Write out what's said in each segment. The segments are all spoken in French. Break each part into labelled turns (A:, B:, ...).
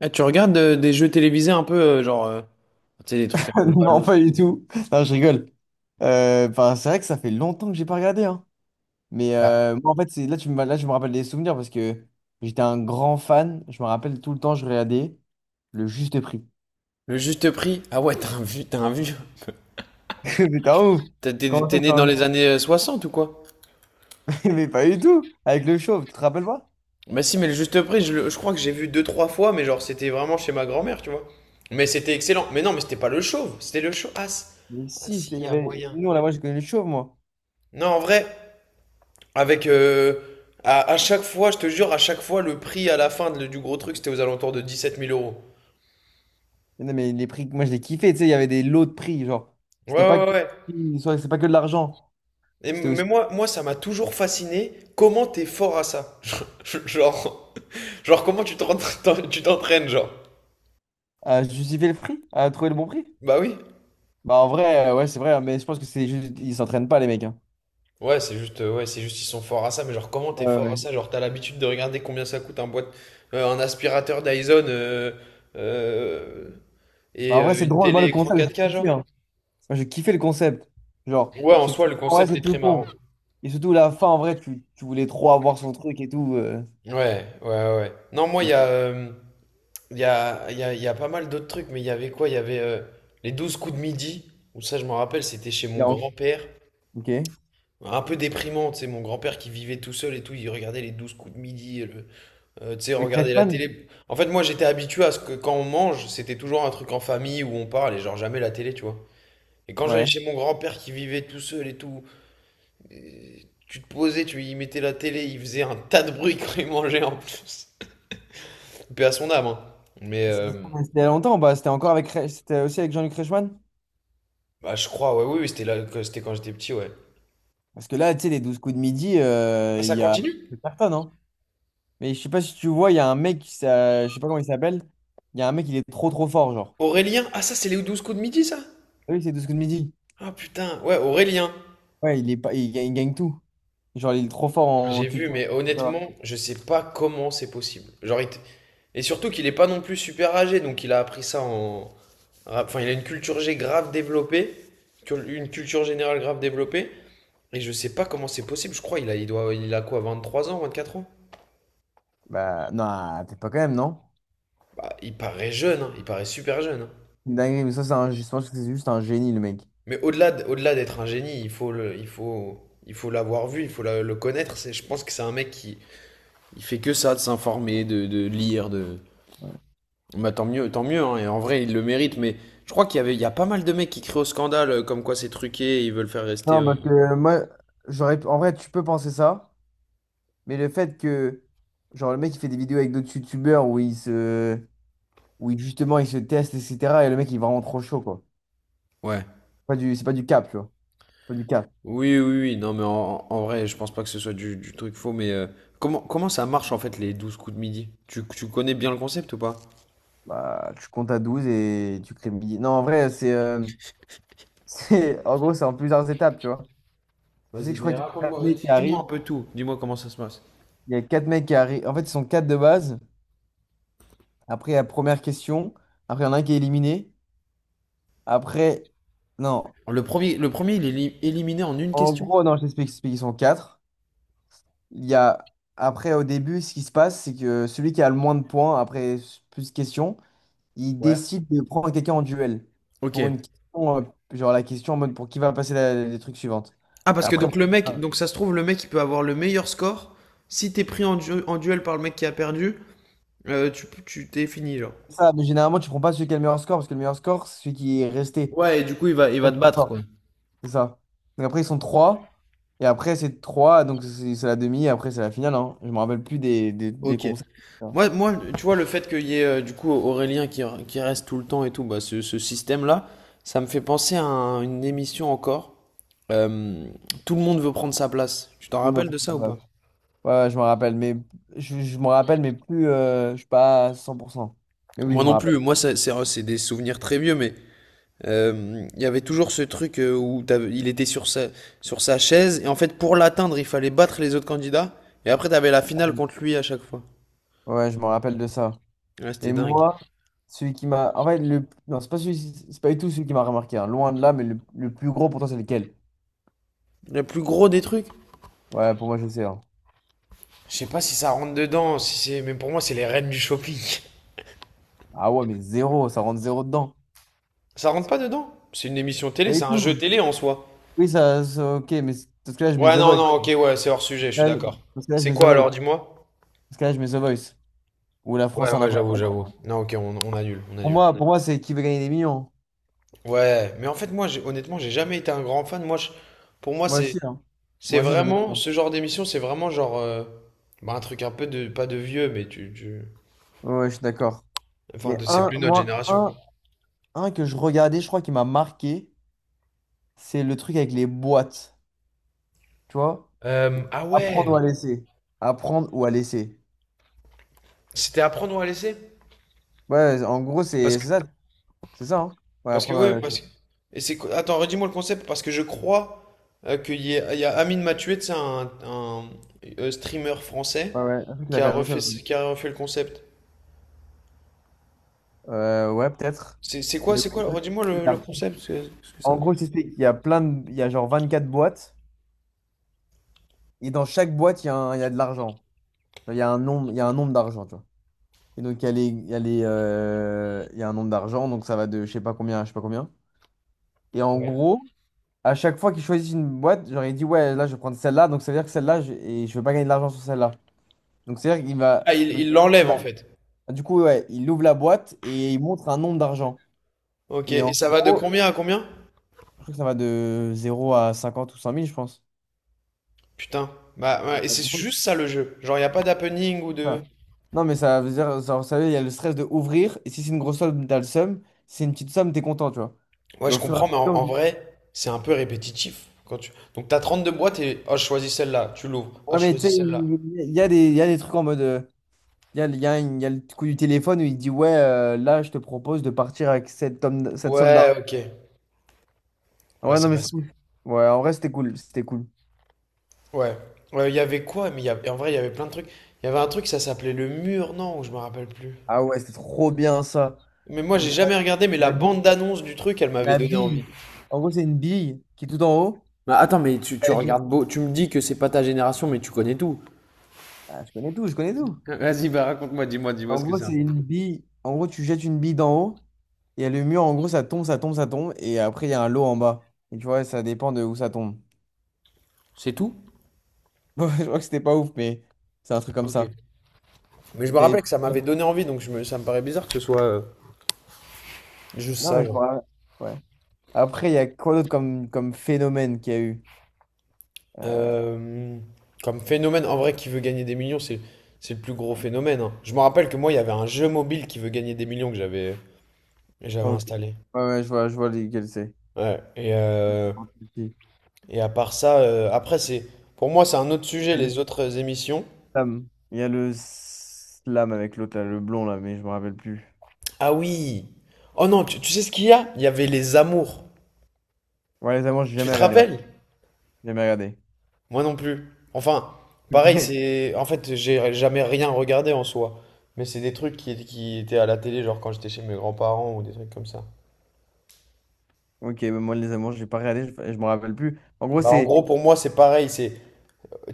A: Ah, tu regardes des jeux télévisés un peu, genre, tu sais, des trucs un peu
B: Non,
A: ballot.
B: pas du tout. Non, je rigole. Enfin, c'est vrai que ça fait longtemps que j'ai pas regardé, hein. Mais moi, en fait, c'est là, là, je me rappelle des souvenirs parce que j'étais un grand fan. Je me rappelle tout le temps, je regardais le juste prix.
A: Le juste prix? Ah ouais, t'as un vieux, t'as un vieux.
B: Mais t'es un ouf.
A: T'as- T'es
B: Comment ça,
A: t'es
B: tu
A: né
B: vas
A: dans
B: regarder?
A: les années 60 ou quoi?
B: Mais pas du tout. Avec le chauve, tu te rappelles pas?
A: Bah si, mais le juste prix, je crois que j'ai vu deux, trois fois, mais genre, c'était vraiment chez ma grand-mère, tu vois. Mais c'était excellent. Mais non, mais c'était pas le chauve, c'était le chauve. Ah,
B: Mais si,
A: si, il
B: il y
A: y a
B: avait...
A: moyen.
B: nous, là, moi, je connais le chauve, moi.
A: Non, en vrai, avec... euh, à chaque fois, je te jure, à chaque fois, le prix à la fin du gros truc, c'était aux alentours de 17 000 euros.
B: Mais non, mais les prix, moi, je les kiffais. Tu sais, il y avait des lots de prix. Genre,
A: Ouais,
B: c'était pas
A: ouais,
B: que,
A: ouais.
B: c'est pas que de l'argent.
A: Et
B: C'était
A: m- mais
B: aussi
A: moi, ça m'a toujours fasciné. Comment t'es fort à ça? Genre, genre, comment tu t'entraînes, genre?
B: à justifier le prix, à trouver le bon prix.
A: Bah oui.
B: Bah en vrai, ouais, c'est vrai, hein, mais je pense que c'est juste, ils s'entraînent pas, les mecs, hein.
A: Ouais, c'est juste, ils sont forts à ça. Mais genre, comment t'es
B: Ouais,
A: fort à
B: ouais.
A: ça? Genre, t'as l'habitude de regarder combien ça coûte un boîte, un aspirateur Dyson euh,
B: Bah,
A: et
B: en vrai, c'est
A: une
B: drôle, moi,
A: télé
B: le
A: écran
B: concept,
A: 4K,
B: j'ai
A: genre?
B: kiffé, hein. Moi, j'ai kiffé le concept. Genre,
A: Ouais, en
B: c'est tout...
A: soi, le
B: ouais,
A: concept
B: c'est
A: est
B: tout
A: très marrant.
B: con. Et surtout, la fin, en vrai, tu voulais trop avoir son truc et tout.
A: Ouais, ouais, ouais. Non, moi,
B: C'est-
A: il y a pas mal d'autres trucs, mais il y avait quoi? Il y avait les 12 coups de midi, où ça, je me rappelle, c'était chez
B: Il y
A: mon
B: a en-
A: grand-père.
B: Ok.
A: Un peu déprimant, tu sais, mon grand-père qui vivait tout seul et tout, il regardait les 12 coups de midi, et tu sais,
B: Avec
A: regarder la
B: Reichmann?
A: télé. En fait, moi, j'étais habitué à ce que quand on mange, c'était toujours un truc en famille où on parle et genre jamais la télé, tu vois. Et quand j'allais
B: Ouais.
A: chez mon grand-père qui vivait tout seul et tout, et tu te posais, tu y mettais la télé, il faisait un tas de bruit quand il mangeait en plus. Paix à son âme, hein. Mais, euh,
B: C'était c'était il y a longtemps, bah, c'était encore avec... C'était aussi avec Jean-Luc Reichmann?
A: Bah, je crois, ouais, oui, oui, c'était là, c'était quand j'étais petit, ouais.
B: Parce que là, tu sais, les douze coups de midi,
A: Ah,
B: il
A: ça
B: y a
A: continue?
B: c'est personne, hein. Mais je sais pas si tu vois, il y a un mec, je sais pas comment il s'appelle, il y a un mec, il est trop trop fort, genre.
A: Aurélien? Ah, ça, c'est les 12 coups de midi, ça?
B: Ah oui, c'est 12 coups de midi.
A: Ah, putain, ouais, Aurélien.
B: Ouais, il est pas, il gagne tout. Genre, il est trop fort en
A: J'ai vu,
B: culture,
A: mais
B: etc.
A: honnêtement, je sais pas comment c'est possible. Genre, et surtout qu'il est pas non plus super âgé, donc il a appris ça en. Enfin, il a une culture G grave développée, une culture générale grave développée, et je sais pas comment c'est possible, je crois, il a, il doit, il a quoi, 23 ans, 24 ans?
B: Bah, non, peut-être pas quand même, non?
A: Bah, il paraît jeune, hein, il paraît super jeune. Hein.
B: C'est une dinguerie, mais ça, je pense que c'est juste un génie, le mec.
A: Mais au-delà d'être un génie, il faut l'avoir vu, il faut le connaître. C'est, je pense que c'est un mec qui, il fait que ça, de s'informer, de lire, de.
B: Ouais.
A: Bah tant mieux, tant mieux. Hein, et en vrai, il le mérite. Mais je crois qu'il y avait, il y a pas mal de mecs qui crient au scandale, comme quoi c'est truqué, et ils veulent faire rester.
B: Non, parce que moi, j'aurais, en vrai, tu peux penser ça, mais le fait que, genre, le mec, il fait des vidéos avec d'autres youtubeurs où il, justement, il se teste, etc. Et le mec, il est vraiment trop chaud, quoi.
A: Ouais.
B: Pas du, c'est pas du cap, tu vois. Pas du cap.
A: Oui, oui, oui. Non, mais en vrai, je pense pas que ce soit du truc faux. Mais comment ça marche en fait les 12 coups de midi? Tu connais bien le concept ou pas?
B: Bah, tu comptes à 12 et tu crées le billet. Non, en vrai, en gros, c'est en plusieurs étapes, tu vois. Je sais
A: Vas-y,
B: que je crois
A: ben
B: qu'il y a une
A: raconte-moi,
B: année
A: dis-
B: qui
A: dis-moi un
B: arrive.
A: peu tout. Dis-moi comment ça se passe.
B: Il y a quatre mecs qui arrivent. En fait, ils sont quatre de base. Après, la première question. Après, il y en a un qui est éliminé. Après, non.
A: Le premier, il est éliminé en une
B: En
A: question.
B: gros, non, je t'explique. Ils sont quatre. Il y a... Après, au début, ce qui se passe, c'est que celui qui a le moins de points, après plus de questions, il
A: Ouais.
B: décide de prendre quelqu'un en duel.
A: Ok.
B: Pour une question, genre la question en mode pour qui va passer les trucs suivantes.
A: Ah,
B: Et
A: parce que
B: après,
A: donc le mec, donc ça se trouve, le mec, il peut avoir le meilleur score. Si t'es pris en duel par le mec qui a perdu, tu t'es fini, genre.
B: ça, mais généralement, tu prends pas celui qui a le meilleur score, parce que le meilleur score, c'est celui qui est resté.
A: Ouais, et du coup, il va te battre, quoi.
B: C'est ça. Donc après, ils sont trois. Et après, c'est trois. Donc c'est la demi. Et après, c'est la finale, hein. Je me rappelle plus des
A: Ok.
B: concepts, hein.
A: Moi, tu vois, le fait qu'il y ait du coup Aurélien qui reste tout le temps et tout, bah, ce système-là, ça me fait penser à une émission encore. Euh, Tout le monde veut prendre sa place. Tu t'en
B: Ouais, mais
A: rappelles de ça
B: pourquoi
A: ou
B: pas?
A: pas?
B: Ouais, ouais, je me rappelle. Mais je me rappelle, mais plus, je suis pas à 100%. Mais oui,
A: Moi
B: je me
A: non plus.
B: rappelle.
A: Moi, c'est des souvenirs très vieux, mais il y avait toujours ce truc où il était sur sa chaise, et en fait, pour l'atteindre, il fallait battre les autres candidats, et après, t'avais la finale contre lui à chaque fois.
B: Ouais, je me rappelle de ça.
A: Ouais, c'était
B: Et
A: dingue.
B: moi, celui qui m'a. En fait, le. Non, c'est pas celui... c'est pas du tout celui qui m'a remarqué, hein. Loin de là, mais le plus gros pour toi, c'est lequel?
A: Le plus gros des trucs.
B: Ouais, pour moi, je sais, hein.
A: Je sais pas si ça rentre dedans, si c'est, mais pour moi, c'est les reines du shopping.
B: Ah ouais, mais zéro. Ça rentre zéro dedans.
A: Ça rentre pas dedans. C'est une émission
B: Pas
A: télé, c'est
B: du
A: un jeu
B: tout.
A: télé en soi.
B: Oui, ok, mais parce que là, je mets
A: Ouais,
B: The
A: non,
B: Voice.
A: non, ok, ouais, c'est hors sujet, je suis
B: Là,
A: d'accord.
B: dans ce cas-là, je
A: C'est
B: mets The
A: quoi
B: Voice.
A: alors, dis-moi?
B: Dans ce là je mets The Voice. Où la
A: Ouais,
B: France a un
A: ouais,
B: incroyable
A: j'avoue, j'avoue.
B: talent.
A: Non, ok, on annule, on
B: Pour
A: annule.
B: moi, pour moi, c'est qui veut gagner des millions, hein.
A: Ouais, mais en fait, moi, honnêtement, j'ai jamais été un grand fan. Moi, pour moi,
B: Moi
A: c'est.
B: aussi, hein.
A: C'est
B: Moi aussi, j'aime
A: vraiment,
B: bien.
A: ce genre d'émission, c'est vraiment genre bah, un truc un peu de, pas de vieux, mais
B: Ouais, je suis d'accord.
A: Enfin,
B: Mais
A: c'est
B: un,
A: plus notre
B: moi,
A: génération, quoi.
B: un que je regardais, je crois qui m'a marqué, c'est le truc avec les boîtes. Tu vois?
A: Ah ouais,
B: Apprendre ou à laisser. Apprendre ou à laisser.
A: c'était à prendre ou à laisser?
B: Ouais, en gros,
A: Parce que,
B: c'est ça. C'est ça, hein? Ouais,
A: parce que
B: apprendre ou
A: oui.
B: à laisser.
A: Et c'est, attends, redis-moi le concept, parce que je crois qu'il y a Amine Mathieu, c'est un streamer français
B: Ouais, ouais. Un truc qui
A: qui
B: a
A: a
B: fait la même
A: refait,
B: chose.
A: qui a refait le concept.
B: Ouais, peut-être.
A: C'est c'est quoi,
B: Mais
A: c'est quoi?
B: ouais,
A: Redis-moi le,
B: il
A: le
B: a-
A: concept, parce que ça.
B: en gros, je t'explique, il y a plein de... Il y a genre 24 boîtes. Et dans chaque boîte, il y a de l'argent. Enfin, Il y a un nombre, il y a un nombre d'argent, tu vois. Et donc, il y a les, il y a les, il y a un nombre d'argent, donc ça va de je sais pas combien à je sais pas combien. Et en
A: Ouais.
B: gros, à chaque fois qu'ils choisissent une boîte, genre, il dit, ouais, là, je vais prendre celle-là, donc ça veut dire que celle-là, et je vais pas gagner de l'argent sur celle-là. Donc, c'est-à-dire qu'il va.
A: Ah, il
B: Donc,
A: il l'enlève, en
B: là.
A: fait.
B: Du coup, ouais, il ouvre la boîte et il montre un nombre d'argent.
A: Ok,
B: Et
A: et
B: en
A: ça va de
B: gros,
A: combien à combien?
B: je crois que ça va de zéro à 50 ou 100 000 je pense.
A: Putain. Bah,
B: Et
A: ouais, et
B: en
A: c'est
B: gros,
A: juste ça le jeu. Genre, il n'y a pas d'happening ou de.
B: ah. Non, mais ça veut dire, genre, vous savez, il y a le stress de ouvrir, et si c'est une grosse somme, t'as le seum, si c'est une petite somme, t'es content, tu vois.
A: Ouais,
B: Et
A: je
B: au fur et à
A: comprends, mais en,
B: mesure,
A: en vrai, c'est un peu répétitif. Donc, t'as 32 boîtes et. Ah, je choisis celle-là. Tu l'ouvres. Ah,
B: ouais,
A: je
B: mais tu
A: choisis
B: sais,
A: celle-là.
B: il y a des trucs en mode, il y a, il y a le coup du téléphone où il dit, ouais, là, je te propose de partir avec cette somme
A: Ouais,
B: d'argent.
A: ok. Ouais,
B: Ouais, non,
A: ça
B: mais
A: passe.
B: cool. Ouais, en vrai, c'était cool, c'était cool.
A: Ouais. Ouais, il y avait quoi? Mais en vrai, il y avait plein de trucs. Il y avait un truc, ça s'appelait le mur, non? Ou je me rappelle plus.
B: Ah ouais, c'était trop bien ça.
A: Mais moi,
B: Ou
A: j'ai
B: ça,
A: jamais regardé, mais la
B: la bille,
A: bande d'annonce du truc, elle m'avait
B: la
A: donné envie.
B: bille. En gros, c'est une bille qui est tout en haut.
A: Bah attends, mais tu
B: Ah, j'ai-
A: regardes beau, tu me dis que c'est pas ta génération, mais tu connais tout.
B: ah, je connais tout.
A: Vas-y, bah raconte-moi, dis-moi
B: En
A: ce que
B: gros,
A: c'est un
B: c'est
A: peu.
B: une bille. En gros, tu jettes une bille d'en haut. Il y a le mur, en gros, ça tombe, ça tombe, ça tombe. Et après, il y a un lot en bas. Et tu vois, ça dépend de où ça tombe.
A: C'est tout?
B: Bon, je crois que c'était pas ouf, mais c'est un truc comme
A: Ok.
B: ça.
A: Mais je me rappelle
B: T'avais-
A: que ça m'avait donné envie, donc ça me paraît bizarre que ce soit juste
B: Non,
A: ça,
B: mais je me
A: genre.
B: rappelle. Ouais. Après, il y a quoi d'autre comme phénomène qu'il y a eu? Euh,
A: Euh, Comme phénomène, en vrai, qui veut gagner des millions, c'est le plus gros phénomène. Hein. Je me rappelle que moi, il y avait un jeu mobile qui veut gagner des millions que j'avais
B: ok.
A: installé.
B: Ouais, ouais, je vois lequel c'est.
A: Ouais. Et, euh,
B: Il
A: et à part ça, après, pour moi, c'est un autre
B: y
A: sujet,
B: a le
A: les autres émissions.
B: slam. Il y a le slam avec l'autre, là, le blond, là, mais je me rappelle plus.
A: Ah oui! Oh non, tu sais ce qu'il y a? Il y avait les amours.
B: Ouais, les amants, j'ai
A: Tu
B: jamais
A: te
B: regardé, moi.
A: rappelles?
B: Jamais regardé.
A: Moi non plus. Enfin, pareil,
B: Ok.
A: c'est. En fait, j'ai jamais rien regardé en soi. Mais c'est des trucs qui étaient à la télé, genre quand j'étais chez mes grands-parents ou des trucs comme ça.
B: Ok, bah moi les amours, j'ai pas regardé, je me rappelle plus. En gros,
A: Bah, en
B: c'est.
A: gros, pour moi, c'est pareil. C'est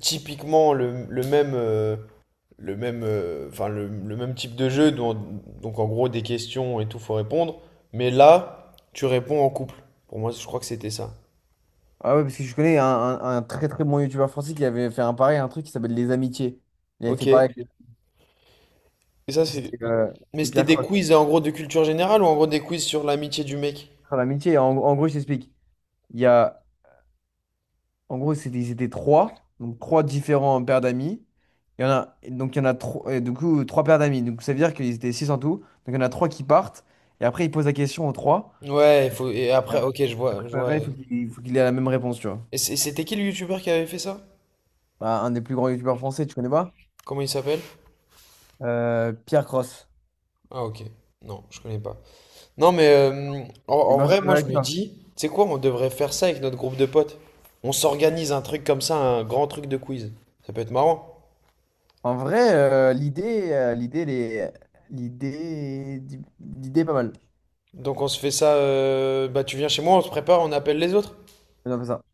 A: typiquement le même, le même, enfin, le même type de jeu. Donc, en gros, des questions et tout, faut répondre. Mais là, tu réponds en couple. Pour moi, je crois que c'était ça.
B: Ah ouais, parce que je connais un très très bon youtubeur français qui avait fait un pareil, un truc qui s'appelle Les Amitiés. Il avait
A: Ok.
B: fait
A: Et
B: pareil.
A: ça, c'est.
B: C'était euh,
A: Mais
B: c'était
A: c'était
B: Pierre
A: des
B: Croc.
A: quiz, en gros, de culture générale ou en gros des quiz sur l'amitié du mec?
B: Sur l'amitié, en gros, je t'explique. Il y a. En gros, c'était, ils étaient trois. Donc trois différents paires d'amis. Il y en a. Donc il y en a trois, du coup, trois paires d'amis. Donc ça veut dire qu'ils étaient six en tout. Donc il y en a trois qui partent. Et après, ils posent la question aux trois.
A: Ouais, il faut. Et après,
B: Alors,
A: ok, je vois.
B: après, il faut qu'il faut qu'il ait la même réponse, tu vois.
A: Et c'était qui le youtubeur qui avait fait ça?
B: Bah, un des plus grands youtubeurs français, tu connais pas?
A: Comment il s'appelle?
B: Pierre Cross.
A: Ah, ok. Non, je connais pas. Non, mais en,
B: Et En
A: en vrai,
B: Benjamin
A: moi, je me
B: Vaca.
A: dis, tu sais quoi, on devrait faire ça avec notre groupe de potes. On s'organise un truc comme ça, un grand truc de quiz. Ça peut être marrant.
B: En vrai, l'idée, l'idée, l'idée est pas mal.
A: Donc, on se fait ça, bah, tu viens chez moi, on se prépare, on appelle les autres.
B: Faisons ça.